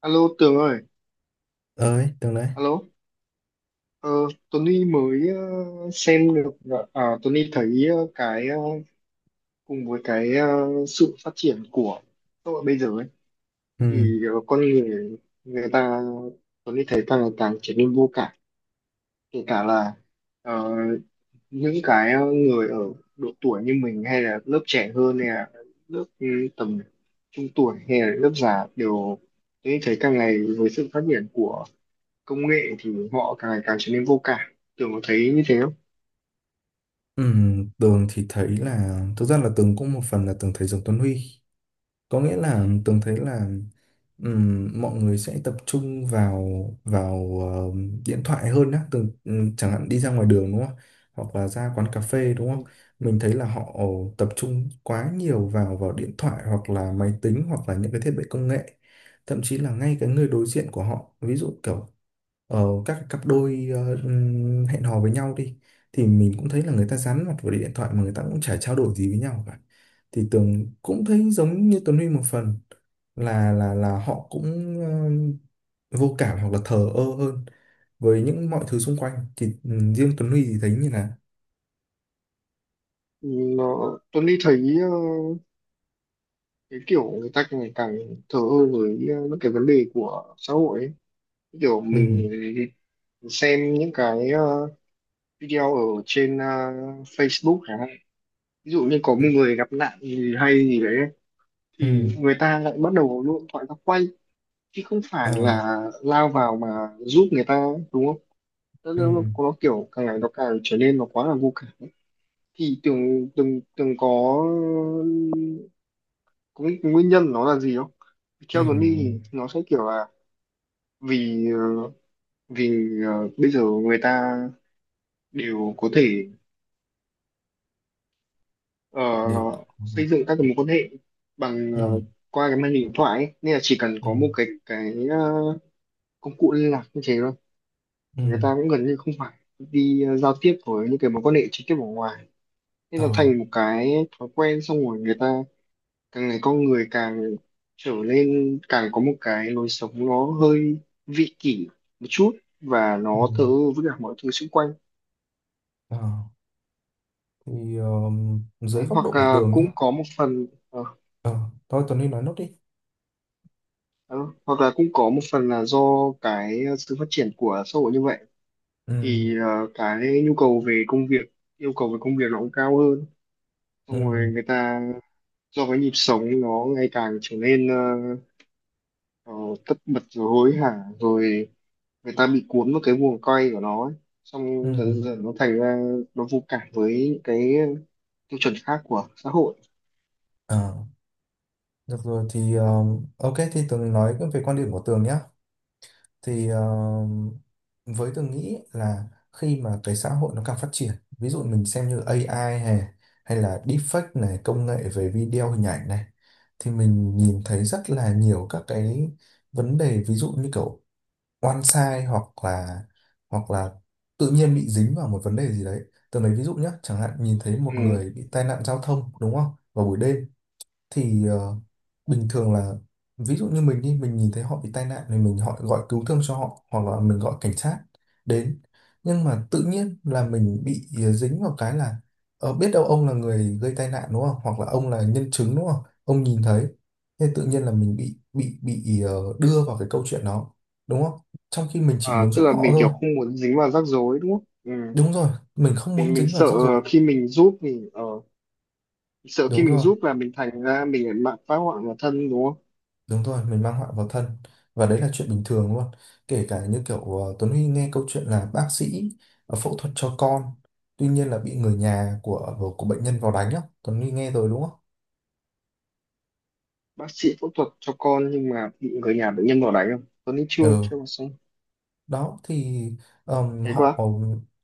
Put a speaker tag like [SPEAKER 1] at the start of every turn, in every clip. [SPEAKER 1] Alo Tường ơi,
[SPEAKER 2] Ơi Tường đấy.
[SPEAKER 1] alo. Ờ, Tony mới xem được, Tony thấy cái cùng với cái sự phát triển của xã hội bây giờ ấy,
[SPEAKER 2] Ừ.
[SPEAKER 1] thì con người người ta Tony thấy càng ngày càng trở nên vô cảm, kể cả là ờ, những cái người ở độ tuổi như mình hay là lớp trẻ hơn hay là lớp tầm trung tuổi hay là lớp già đều Tony thấy càng ngày với sự phát triển của công nghệ thì họ càng ngày càng trở nên vô cảm, kiểu có thấy như thế không?
[SPEAKER 2] Ừ. Tường thì thấy là thực ra là Tường cũng một phần là Tường thấy giống Tuấn Huy, có nghĩa là Tường thấy là mọi người sẽ tập trung vào vào ờ, điện thoại hơn á. Tường chẳng hạn đi ra ngoài đường đúng không? Hoặc là ra quán cà phê đúng không? Mình thấy là họ tập trung quá nhiều vào vào điện thoại hoặc là máy tính hoặc là những cái thiết bị công nghệ, thậm chí là ngay cái người đối diện của họ, ví dụ kiểu các cặp đôi hẹn hò với nhau đi, thì mình cũng thấy là người ta dán mặt vào điện thoại mà người ta cũng chả trao đổi gì với nhau cả. Thì Tường cũng thấy giống như Tuấn Huy một phần, là họ cũng ờ, vô cảm hoặc là thờ ơ hơn với những mọi thứ xung quanh, thì riêng Tuấn Huy thì thấy như là.
[SPEAKER 1] Ừ, Tuấn đi thấy cái kiểu người ta càng ngày càng thờ ơ với những cái vấn đề của xã hội ấy. Kiểu
[SPEAKER 2] Ừ.
[SPEAKER 1] mình xem những cái video ở trên Facebook chẳng hạn, ví dụ như có một
[SPEAKER 2] Ừ.
[SPEAKER 1] người gặp nạn gì hay gì đấy
[SPEAKER 2] Ừ.
[SPEAKER 1] thì người ta lại bắt đầu lộn thoại ra quay chứ không
[SPEAKER 2] Ờ.
[SPEAKER 1] phải là lao vào mà giúp người ta, đúng không? nó, nó, nó
[SPEAKER 2] Ừ.
[SPEAKER 1] nó kiểu càng ngày nó càng trở nên nó quá là vô cảm. Thì tưởng từng từng có cái nguyên nhân nó là gì không? Theo Tuấn đi
[SPEAKER 2] Ừ.
[SPEAKER 1] thì nó sẽ kiểu là vì ờ, vì bây giờ người ta đều có thể ờ,
[SPEAKER 2] Đều có-.
[SPEAKER 1] xây dựng các cái mối quan hệ bằng ờ,
[SPEAKER 2] Ừ.
[SPEAKER 1] qua cái màn hình điện thoại ấy. Nên là chỉ cần
[SPEAKER 2] Ừ.
[SPEAKER 1] có một cái công cụ liên lạc như thế thôi
[SPEAKER 2] Ừ.
[SPEAKER 1] thì người ta cũng gần như không phải đi giao tiếp với những cái mối quan hệ trực tiếp ở ngoài, nên
[SPEAKER 2] Ờ.
[SPEAKER 1] là thành một cái thói quen, xong rồi người ta càng ngày con người càng trở nên càng có một cái lối sống nó hơi vị kỷ một chút và
[SPEAKER 2] Ừ.
[SPEAKER 1] nó thờ ơ với cả mọi thứ xung quanh.
[SPEAKER 2] Ờ. Thì dưới
[SPEAKER 1] Đấy,
[SPEAKER 2] góc độ
[SPEAKER 1] hoặc
[SPEAKER 2] của
[SPEAKER 1] là
[SPEAKER 2] Tường nhé.
[SPEAKER 1] cũng có một phần ờ,
[SPEAKER 2] ờ Thôi Tuấn Huy nói nốt đi.
[SPEAKER 1] Đó, hoặc là cũng có một phần là do cái sự phát triển của xã hội như vậy
[SPEAKER 2] Ừ.
[SPEAKER 1] thì cái nhu cầu về công việc, yêu cầu về công việc nó cũng cao hơn, xong rồi
[SPEAKER 2] Ừ.
[SPEAKER 1] người ta do cái nhịp sống nó ngày càng trở nên ờ, tất bật rồi hối hả, rồi người ta bị cuốn vào cái guồng quay của nó ấy.
[SPEAKER 2] Ừ.
[SPEAKER 1] Xong dần dần nó thành ra nó vô cảm với những cái tiêu chuẩn khác của xã hội.
[SPEAKER 2] Ờ. Được rồi thì ok, thì Tường nói về quan điểm của Tường nhé. Thì với Tường nghĩ là khi mà cái xã hội nó càng phát triển, ví dụ mình xem như AI hay hay là deepfake này, công nghệ về video hình ảnh này, thì mình nhìn thấy rất là nhiều các cái vấn đề, ví dụ như kiểu oan sai hoặc là hoặc là tự nhiên bị dính vào một vấn đề gì đấy. Tường lấy ví dụ nhé, chẳng hạn nhìn thấy một
[SPEAKER 1] Ừ.
[SPEAKER 2] người bị tai nạn giao thông đúng không, vào buổi đêm, thì bình thường là ví dụ như mình đi mình nhìn thấy họ bị tai nạn thì mình họ gọi cứu thương cho họ hoặc là mình gọi cảnh sát đến, nhưng mà tự nhiên là mình bị dính vào cái là biết đâu ông là người gây tai nạn đúng không, hoặc là ông là nhân chứng đúng không, ông nhìn thấy, thế tự nhiên là mình bị đưa vào cái câu chuyện đó, đúng không? Trong khi mình chỉ
[SPEAKER 1] À,
[SPEAKER 2] muốn
[SPEAKER 1] tức
[SPEAKER 2] giúp
[SPEAKER 1] là
[SPEAKER 2] họ
[SPEAKER 1] mình
[SPEAKER 2] thôi.
[SPEAKER 1] kiểu không muốn dính vào rắc rối, đúng không? Ừ.
[SPEAKER 2] Đúng rồi, mình không
[SPEAKER 1] mình
[SPEAKER 2] muốn
[SPEAKER 1] mình
[SPEAKER 2] dính vào
[SPEAKER 1] sợ
[SPEAKER 2] rắc rối.
[SPEAKER 1] khi mình giúp mình ờ, sợ khi
[SPEAKER 2] Đúng
[SPEAKER 1] mình
[SPEAKER 2] rồi.
[SPEAKER 1] giúp là mình thành ra mình lại mạng phá hoại vào thân, đúng không?
[SPEAKER 2] Đúng rồi, mình mang họa vào thân, và đấy là chuyện bình thường luôn. Kể cả như kiểu Tuấn Huy nghe câu chuyện là bác sĩ phẫu thuật cho con, tuy nhiên là bị người nhà của bệnh nhân vào đánh á, Tuấn Huy nghe rồi đúng không?
[SPEAKER 1] Bác sĩ phẫu thuật cho con nhưng mà bị người nhà bệnh nhân bỏ đánh không Tuấn nghĩ chưa,
[SPEAKER 2] Ừ,
[SPEAKER 1] chưa mà xong.
[SPEAKER 2] đó thì
[SPEAKER 1] Thế
[SPEAKER 2] họ.
[SPEAKER 1] quá.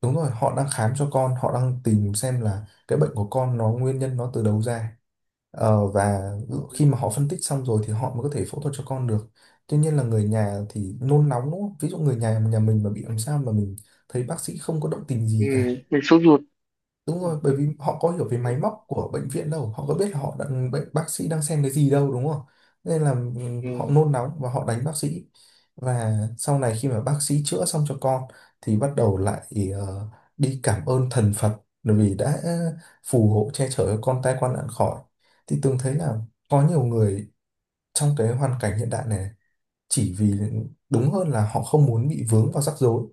[SPEAKER 2] Đúng rồi, họ đang khám cho con, họ đang tìm xem là cái bệnh của con nó nguyên nhân nó từ đâu ra. Ờ, và khi mà họ phân tích xong rồi thì họ mới có thể phẫu thuật cho con được. Tuy nhiên là người nhà thì nôn nóng đúng không? Ví dụ người nhà nhà mình mà bị làm sao mà mình thấy bác sĩ không có động tình
[SPEAKER 1] Ừ,
[SPEAKER 2] gì cả.
[SPEAKER 1] mình sốt ruột.
[SPEAKER 2] Đúng
[SPEAKER 1] Ừ.
[SPEAKER 2] rồi, bởi vì họ có hiểu về máy móc của bệnh viện đâu, họ có biết là họ đang bệnh bác sĩ đang xem cái gì đâu đúng không? Nên là họ
[SPEAKER 1] Ừ.
[SPEAKER 2] nôn nóng và họ đánh bác sĩ. Và sau này khi mà bác sĩ chữa xong cho con thì bắt đầu lại ờ, đi cảm ơn thần Phật, bởi vì đã phù hộ che chở cho con tai qua nạn khỏi. Thì Tường thấy là có nhiều người trong cái hoàn cảnh hiện đại này, chỉ vì đúng hơn là họ không muốn bị vướng vào rắc rối,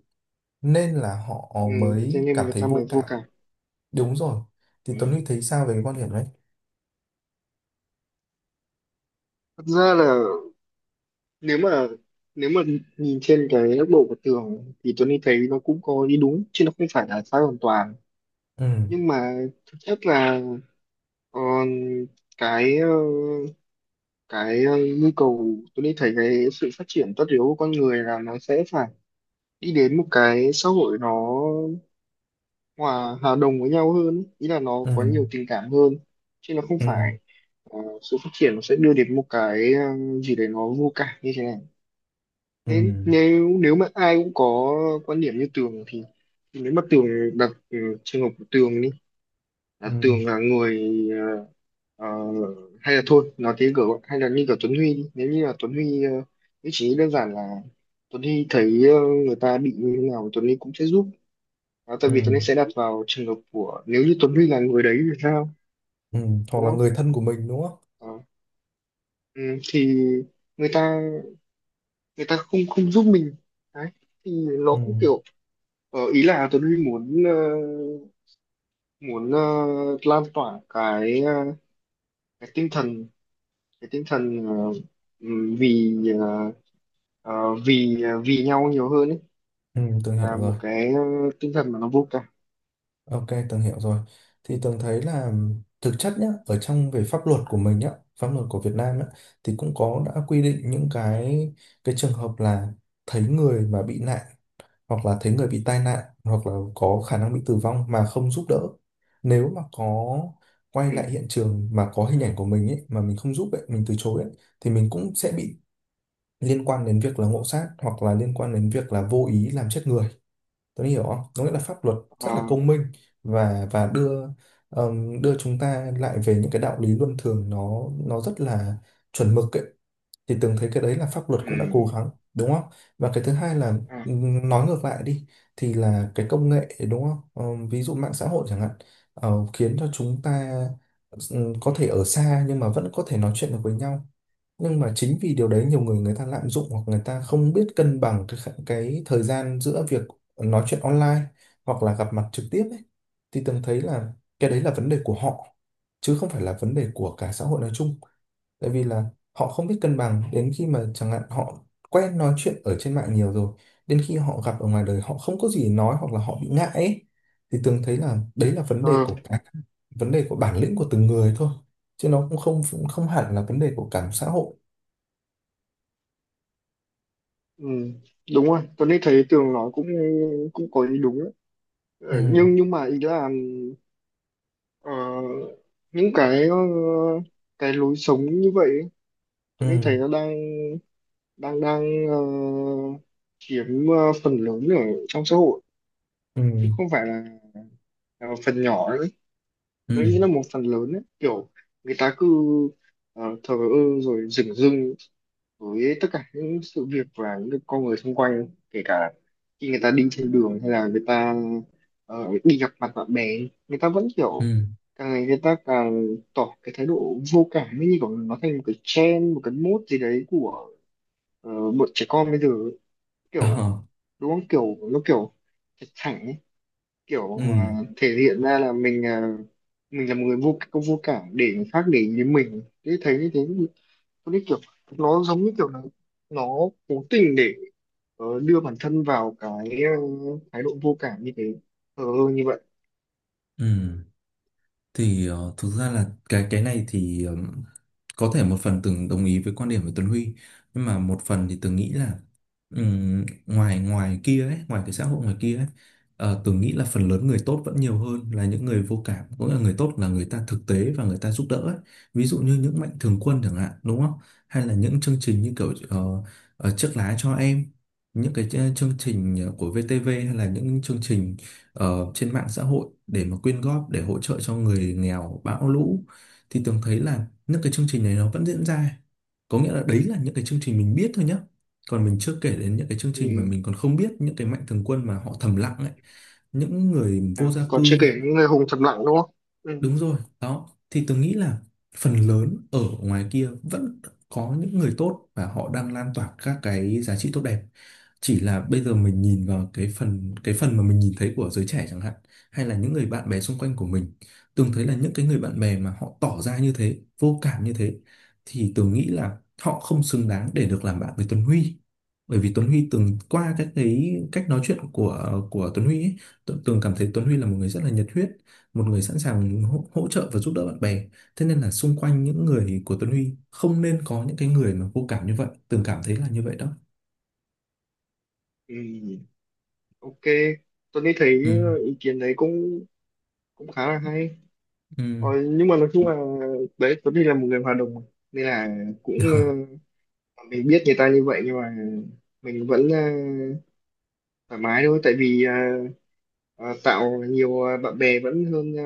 [SPEAKER 2] nên là họ
[SPEAKER 1] Ừ. Thế
[SPEAKER 2] mới
[SPEAKER 1] nên
[SPEAKER 2] cảm
[SPEAKER 1] người
[SPEAKER 2] thấy
[SPEAKER 1] ta mới
[SPEAKER 2] vô
[SPEAKER 1] vô
[SPEAKER 2] cảm.
[SPEAKER 1] cảm.
[SPEAKER 2] Đúng rồi. Thì
[SPEAKER 1] Ừ.
[SPEAKER 2] Tuấn Huy thấy sao về cái quan điểm đấy?
[SPEAKER 1] Thật ra là nếu mà nếu mà nhìn trên cái góc độ của Tường thì Tony thấy nó cũng có ý đúng chứ nó không phải là sai hoàn toàn.
[SPEAKER 2] Ừ.
[SPEAKER 1] Nhưng mà thực chất là ờ, cái ờ, cái nhu cầu, Tony thấy cái sự phát triển tất yếu của con người là nó sẽ phải đi đến một cái xã hội nó hòa hòa đồng với nhau hơn ý. Ý là nó
[SPEAKER 2] Ừ.
[SPEAKER 1] có nhiều tình cảm hơn chứ nó không
[SPEAKER 2] Ừ.
[SPEAKER 1] phải sự phát triển nó sẽ đưa đến một cái gì đấy nó vô cảm như thế này.
[SPEAKER 2] Ừ.
[SPEAKER 1] Thế nếu nếu mà ai cũng có quan điểm như Tường thì nếu mà Tường đặt trường hợp của Tường đi, là
[SPEAKER 2] Ừ.
[SPEAKER 1] Tường là người ờ, ờ, hay là thôi nói thế kiểu, hay là như kiểu Tuấn Huy đi, nếu như là Tuấn Huy cũng chỉ đơn giản là Tuấn Huy thấy người ta bị như thế nào Tuấn Huy cũng sẽ giúp. Đó, tại
[SPEAKER 2] Ừ.
[SPEAKER 1] vì Tuấn Huy sẽ đặt vào trường hợp của, nếu như Tuấn Huy là người đấy thì sao,
[SPEAKER 2] Ừ. Hoặc
[SPEAKER 1] đúng
[SPEAKER 2] là
[SPEAKER 1] không?
[SPEAKER 2] người thân của mình đúng không?
[SPEAKER 1] Ờ, ừ, thì người ta người ta không không giúp mình đấy thì nó
[SPEAKER 2] Ừ.
[SPEAKER 1] cũng kiểu. Ờ, ý là Tuấn Huy muốn lan tỏa cái cái tinh thần cái tinh thần, vì ờ, ờ, ờ, vì nhau nhiều hơn ấy,
[SPEAKER 2] Ừ. Tường hiểu
[SPEAKER 1] là
[SPEAKER 2] rồi.
[SPEAKER 1] một cái tinh thần mà nó vô cảm.
[SPEAKER 2] Ok, Tường hiểu rồi. Thì Tường thấy là thực chất nhá, ở trong về pháp luật của mình nhá, pháp luật của Việt Nam nhá, thì cũng có đã quy định những cái trường hợp là thấy người mà bị nạn hoặc là thấy người bị tai nạn hoặc là có khả năng bị tử vong mà không giúp đỡ, nếu mà có quay
[SPEAKER 1] Ừ.
[SPEAKER 2] lại hiện trường mà có hình ảnh của mình ấy mà mình không giúp ấy mình từ chối ấy, thì mình cũng sẽ bị liên quan đến việc là ngộ sát hoặc là liên quan đến việc là vô ý làm chết người. Tôi hiểu không, có nghĩa là pháp luật rất là
[SPEAKER 1] Ờ,
[SPEAKER 2] công minh, và đưa đưa chúng ta lại về những cái đạo lý luân thường, nó rất là chuẩn mực ấy, thì Tường thấy cái đấy là pháp luật cũng đã
[SPEAKER 1] ừ.
[SPEAKER 2] cố gắng đúng không? Và cái thứ hai là
[SPEAKER 1] À,
[SPEAKER 2] nói ngược lại đi thì là cái công nghệ đúng không? Ờ, ví dụ mạng xã hội chẳng hạn, khiến cho chúng ta có thể ở xa nhưng mà vẫn có thể nói chuyện được với nhau, nhưng mà chính vì điều đấy nhiều người người ta lạm dụng hoặc người ta không biết cân bằng cái cái thời gian giữa việc nói chuyện online hoặc là gặp mặt trực tiếp ấy, thì Tường thấy là cái đấy là vấn đề của họ, chứ không phải là vấn đề của cả xã hội nói chung, tại vì là họ không biết cân bằng đến khi mà chẳng hạn họ quen nói chuyện ở trên mạng nhiều rồi, đến khi họ gặp ở ngoài đời họ không có gì để nói hoặc là họ bị ngại ấy. Thì Tường thấy là đấy là
[SPEAKER 1] ờ,
[SPEAKER 2] vấn đề của bản lĩnh của từng người thôi, chứ nó cũng không hẳn là vấn đề của cả một xã hội.
[SPEAKER 1] ừ. Đúng rồi, Tuấn Huy thấy Tường nói cũng cũng có ý đúng đấy.
[SPEAKER 2] Ừ.
[SPEAKER 1] Ờ, nhưng mà ý là ờ, những cái lối sống như vậy ấy,
[SPEAKER 2] Ừ.
[SPEAKER 1] Tuấn Huy thấy nó đang đang đang ờ, chiếm phần lớn ở trong xã hội
[SPEAKER 2] Ừ.
[SPEAKER 1] chứ không phải là phần nhỏ nữa ấy. Tôi
[SPEAKER 2] Ừ.
[SPEAKER 1] nghĩ là một phần lớn ấy. Kiểu người ta cứ thờ ơ rồi dửng dưng với tất cả những sự việc và những con người xung quanh, kể cả khi người ta đi trên đường hay là người ta đi gặp mặt bạn bè người ta vẫn kiểu
[SPEAKER 2] Ừ.
[SPEAKER 1] càng ngày người ta càng tỏ cái thái độ vô cảm ấy, như kiểu nó thành một cái trend, một cái mốt gì đấy của bọn trẻ con bây giờ ấy.
[SPEAKER 2] Ờ.
[SPEAKER 1] Kiểu đúng không, kiểu nó kiểu thẳng ấy, kiểu à,
[SPEAKER 2] Ừ.
[SPEAKER 1] thể hiện ra là mình à, mình là một người có vô cảm để người khác để ý đến mình thế thấy như thế, có cái kiểu nó giống như kiểu là nó cố tình để đưa bản thân vào cái thái độ vô cảm như thế ờ như vậy.
[SPEAKER 2] Ừ. Thì thực ra là cái này thì có thể một phần từng đồng ý với quan điểm của Tuấn Huy, nhưng mà một phần thì từng nghĩ là ngoài ngoài kia ấy, ngoài cái xã hội ngoài kia ấy, từng nghĩ là phần lớn người tốt vẫn nhiều hơn là những người vô cảm, cũng là người tốt là người ta thực tế và người ta giúp đỡ ấy. Ví dụ như những mạnh thường quân chẳng hạn đúng không? Hay là những chương trình như kiểu chiếc lá cho em, những cái chương trình của VTV hay là những chương trình trên mạng xã hội để mà quyên góp để hỗ trợ cho người nghèo bão lũ, thì Tường thấy là những cái chương trình này nó vẫn diễn ra, có nghĩa là đấy là những cái chương trình mình biết thôi nhá, còn mình chưa kể đến những cái chương trình mà
[SPEAKER 1] Ừ.
[SPEAKER 2] mình còn không biết, những cái mạnh thường quân mà họ thầm lặng ấy, những người
[SPEAKER 1] À,
[SPEAKER 2] vô gia
[SPEAKER 1] còn chưa kể
[SPEAKER 2] cư.
[SPEAKER 1] những người hùng thầm lặng, đúng không? Ừ.
[SPEAKER 2] Đúng rồi, đó. Thì tôi nghĩ là phần lớn ở ngoài kia vẫn có những người tốt và họ đang lan tỏa các cái giá trị tốt đẹp. Chỉ là bây giờ mình nhìn vào cái phần mà mình nhìn thấy của giới trẻ chẳng hạn, hay là những người bạn bè xung quanh của mình, Tường thấy là những cái người bạn bè mà họ tỏ ra như thế, vô cảm như thế, thì Tường nghĩ là họ không xứng đáng để được làm bạn với Tuấn Huy. Bởi vì Tuấn Huy từng qua các cái cách nói chuyện của Tuấn Huy ấy, Tường Tường cảm thấy Tuấn Huy là một người rất là nhiệt huyết, một người sẵn sàng hỗ trợ và giúp đỡ bạn bè, thế nên là xung quanh những người của Tuấn Huy không nên có những cái người mà vô cảm như vậy, Tường cảm thấy là như vậy đó.
[SPEAKER 1] Ừ. Ok, tôi nghĩ thấy
[SPEAKER 2] Ừ.
[SPEAKER 1] ý kiến đấy cũng cũng khá là hay.
[SPEAKER 2] Ừ.
[SPEAKER 1] Ờ, nhưng mà nói chung là đấy, Tuấn thì là một người hòa đồng mà. Nên là cũng mình biết người ta như vậy nhưng mà mình vẫn thoải mái thôi, tại vì ờ, tạo nhiều bạn bè vẫn hơn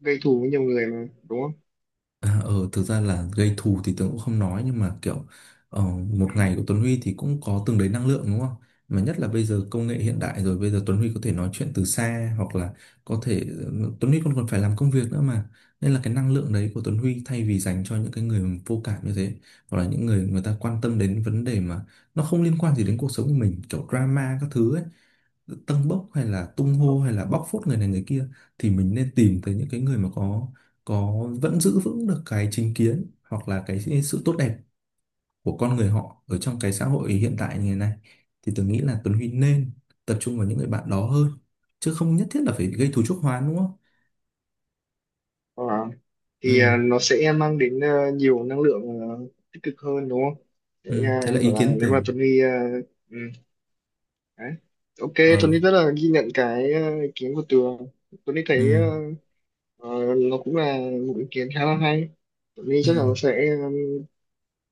[SPEAKER 1] gây thù với nhiều người mà, đúng không?
[SPEAKER 2] À, ừ, thực ra là gây thù thì Tuấn cũng không nói nhưng mà kiểu ờ,
[SPEAKER 1] Ừ.
[SPEAKER 2] một ngày của Tuấn Huy thì cũng có từng đấy năng lượng đúng không? Mà nhất là bây giờ công nghệ hiện đại rồi, bây giờ Tuấn Huy có thể nói chuyện từ xa hoặc là có thể Tuấn Huy còn còn phải làm công việc nữa mà, nên là cái năng lượng đấy của Tuấn Huy thay vì dành cho những cái người vô cảm như thế, hoặc là những người người ta quan tâm đến vấn đề mà nó không liên quan gì đến cuộc sống của mình kiểu drama các thứ ấy, tâng bốc hay là tung hô hay là bóc phốt người này người kia, thì mình nên tìm tới những cái người mà có vẫn giữ vững được cái chính kiến hoặc là cái sự tốt đẹp của con người họ ở trong cái xã hội hiện tại như thế này, thì tôi nghĩ là Tuấn Huy nên tập trung vào những người bạn đó hơn, chứ không nhất thiết là phải gây thù chuốc oán đúng không?
[SPEAKER 1] Ờ, thì
[SPEAKER 2] Ừ.
[SPEAKER 1] nó sẽ mang đến nhiều năng lượng tích cực hơn, đúng không?
[SPEAKER 2] Ừ.
[SPEAKER 1] Sẽ
[SPEAKER 2] Đấy là
[SPEAKER 1] gọi
[SPEAKER 2] ý
[SPEAKER 1] là
[SPEAKER 2] kiến
[SPEAKER 1] nếu mà
[SPEAKER 2] tưởng.
[SPEAKER 1] Tuấn đi ừ, đấy. Ok,
[SPEAKER 2] Ờ.
[SPEAKER 1] Tuấn đi rất là ghi nhận cái ý kiến của Tường. Tuấn đi thấy
[SPEAKER 2] Ừ.
[SPEAKER 1] Ờ, nó cũng là một ý kiến khá là hay. Tụi mình
[SPEAKER 2] Ừ.
[SPEAKER 1] chắc là sẽ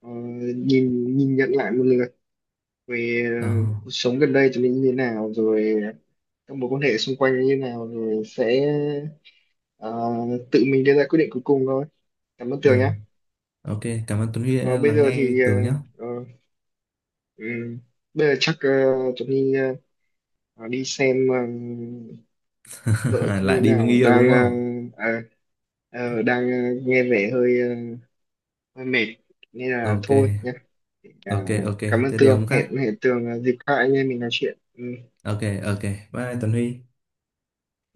[SPEAKER 1] ờ, nhìn nhìn nhận lại một lượt về
[SPEAKER 2] Ờ.
[SPEAKER 1] cuộc sống gần đây tụi mình như thế nào rồi, các mối quan hệ xung quanh như thế nào, rồi sẽ ờ, tự mình đưa ra quyết định cuối cùng thôi. Cảm ơn
[SPEAKER 2] Ừ.
[SPEAKER 1] Tường nhé.
[SPEAKER 2] Ok, cảm ơn Tuấn Huy
[SPEAKER 1] Ờ,
[SPEAKER 2] đã
[SPEAKER 1] bây
[SPEAKER 2] lắng
[SPEAKER 1] giờ
[SPEAKER 2] nghe
[SPEAKER 1] thì ờ,
[SPEAKER 2] Tường nhé.
[SPEAKER 1] ờ, ừm, bây giờ chắc tụi mình đi xem vợ tụi
[SPEAKER 2] Lại
[SPEAKER 1] mình
[SPEAKER 2] đi với người
[SPEAKER 1] nào
[SPEAKER 2] yêu đúng không?
[SPEAKER 1] à, đang nghe vẻ hơi mệt nên là
[SPEAKER 2] Ok.
[SPEAKER 1] thôi nhá. À,
[SPEAKER 2] Ok, ok,
[SPEAKER 1] cảm ơn
[SPEAKER 2] thế để
[SPEAKER 1] Tường,
[SPEAKER 2] hôm khác.
[SPEAKER 1] hẹn hẹn Tường à, dịp khác anh em mình nói chuyện. Ừ.
[SPEAKER 2] Ok, ok, bye Tuấn Huy.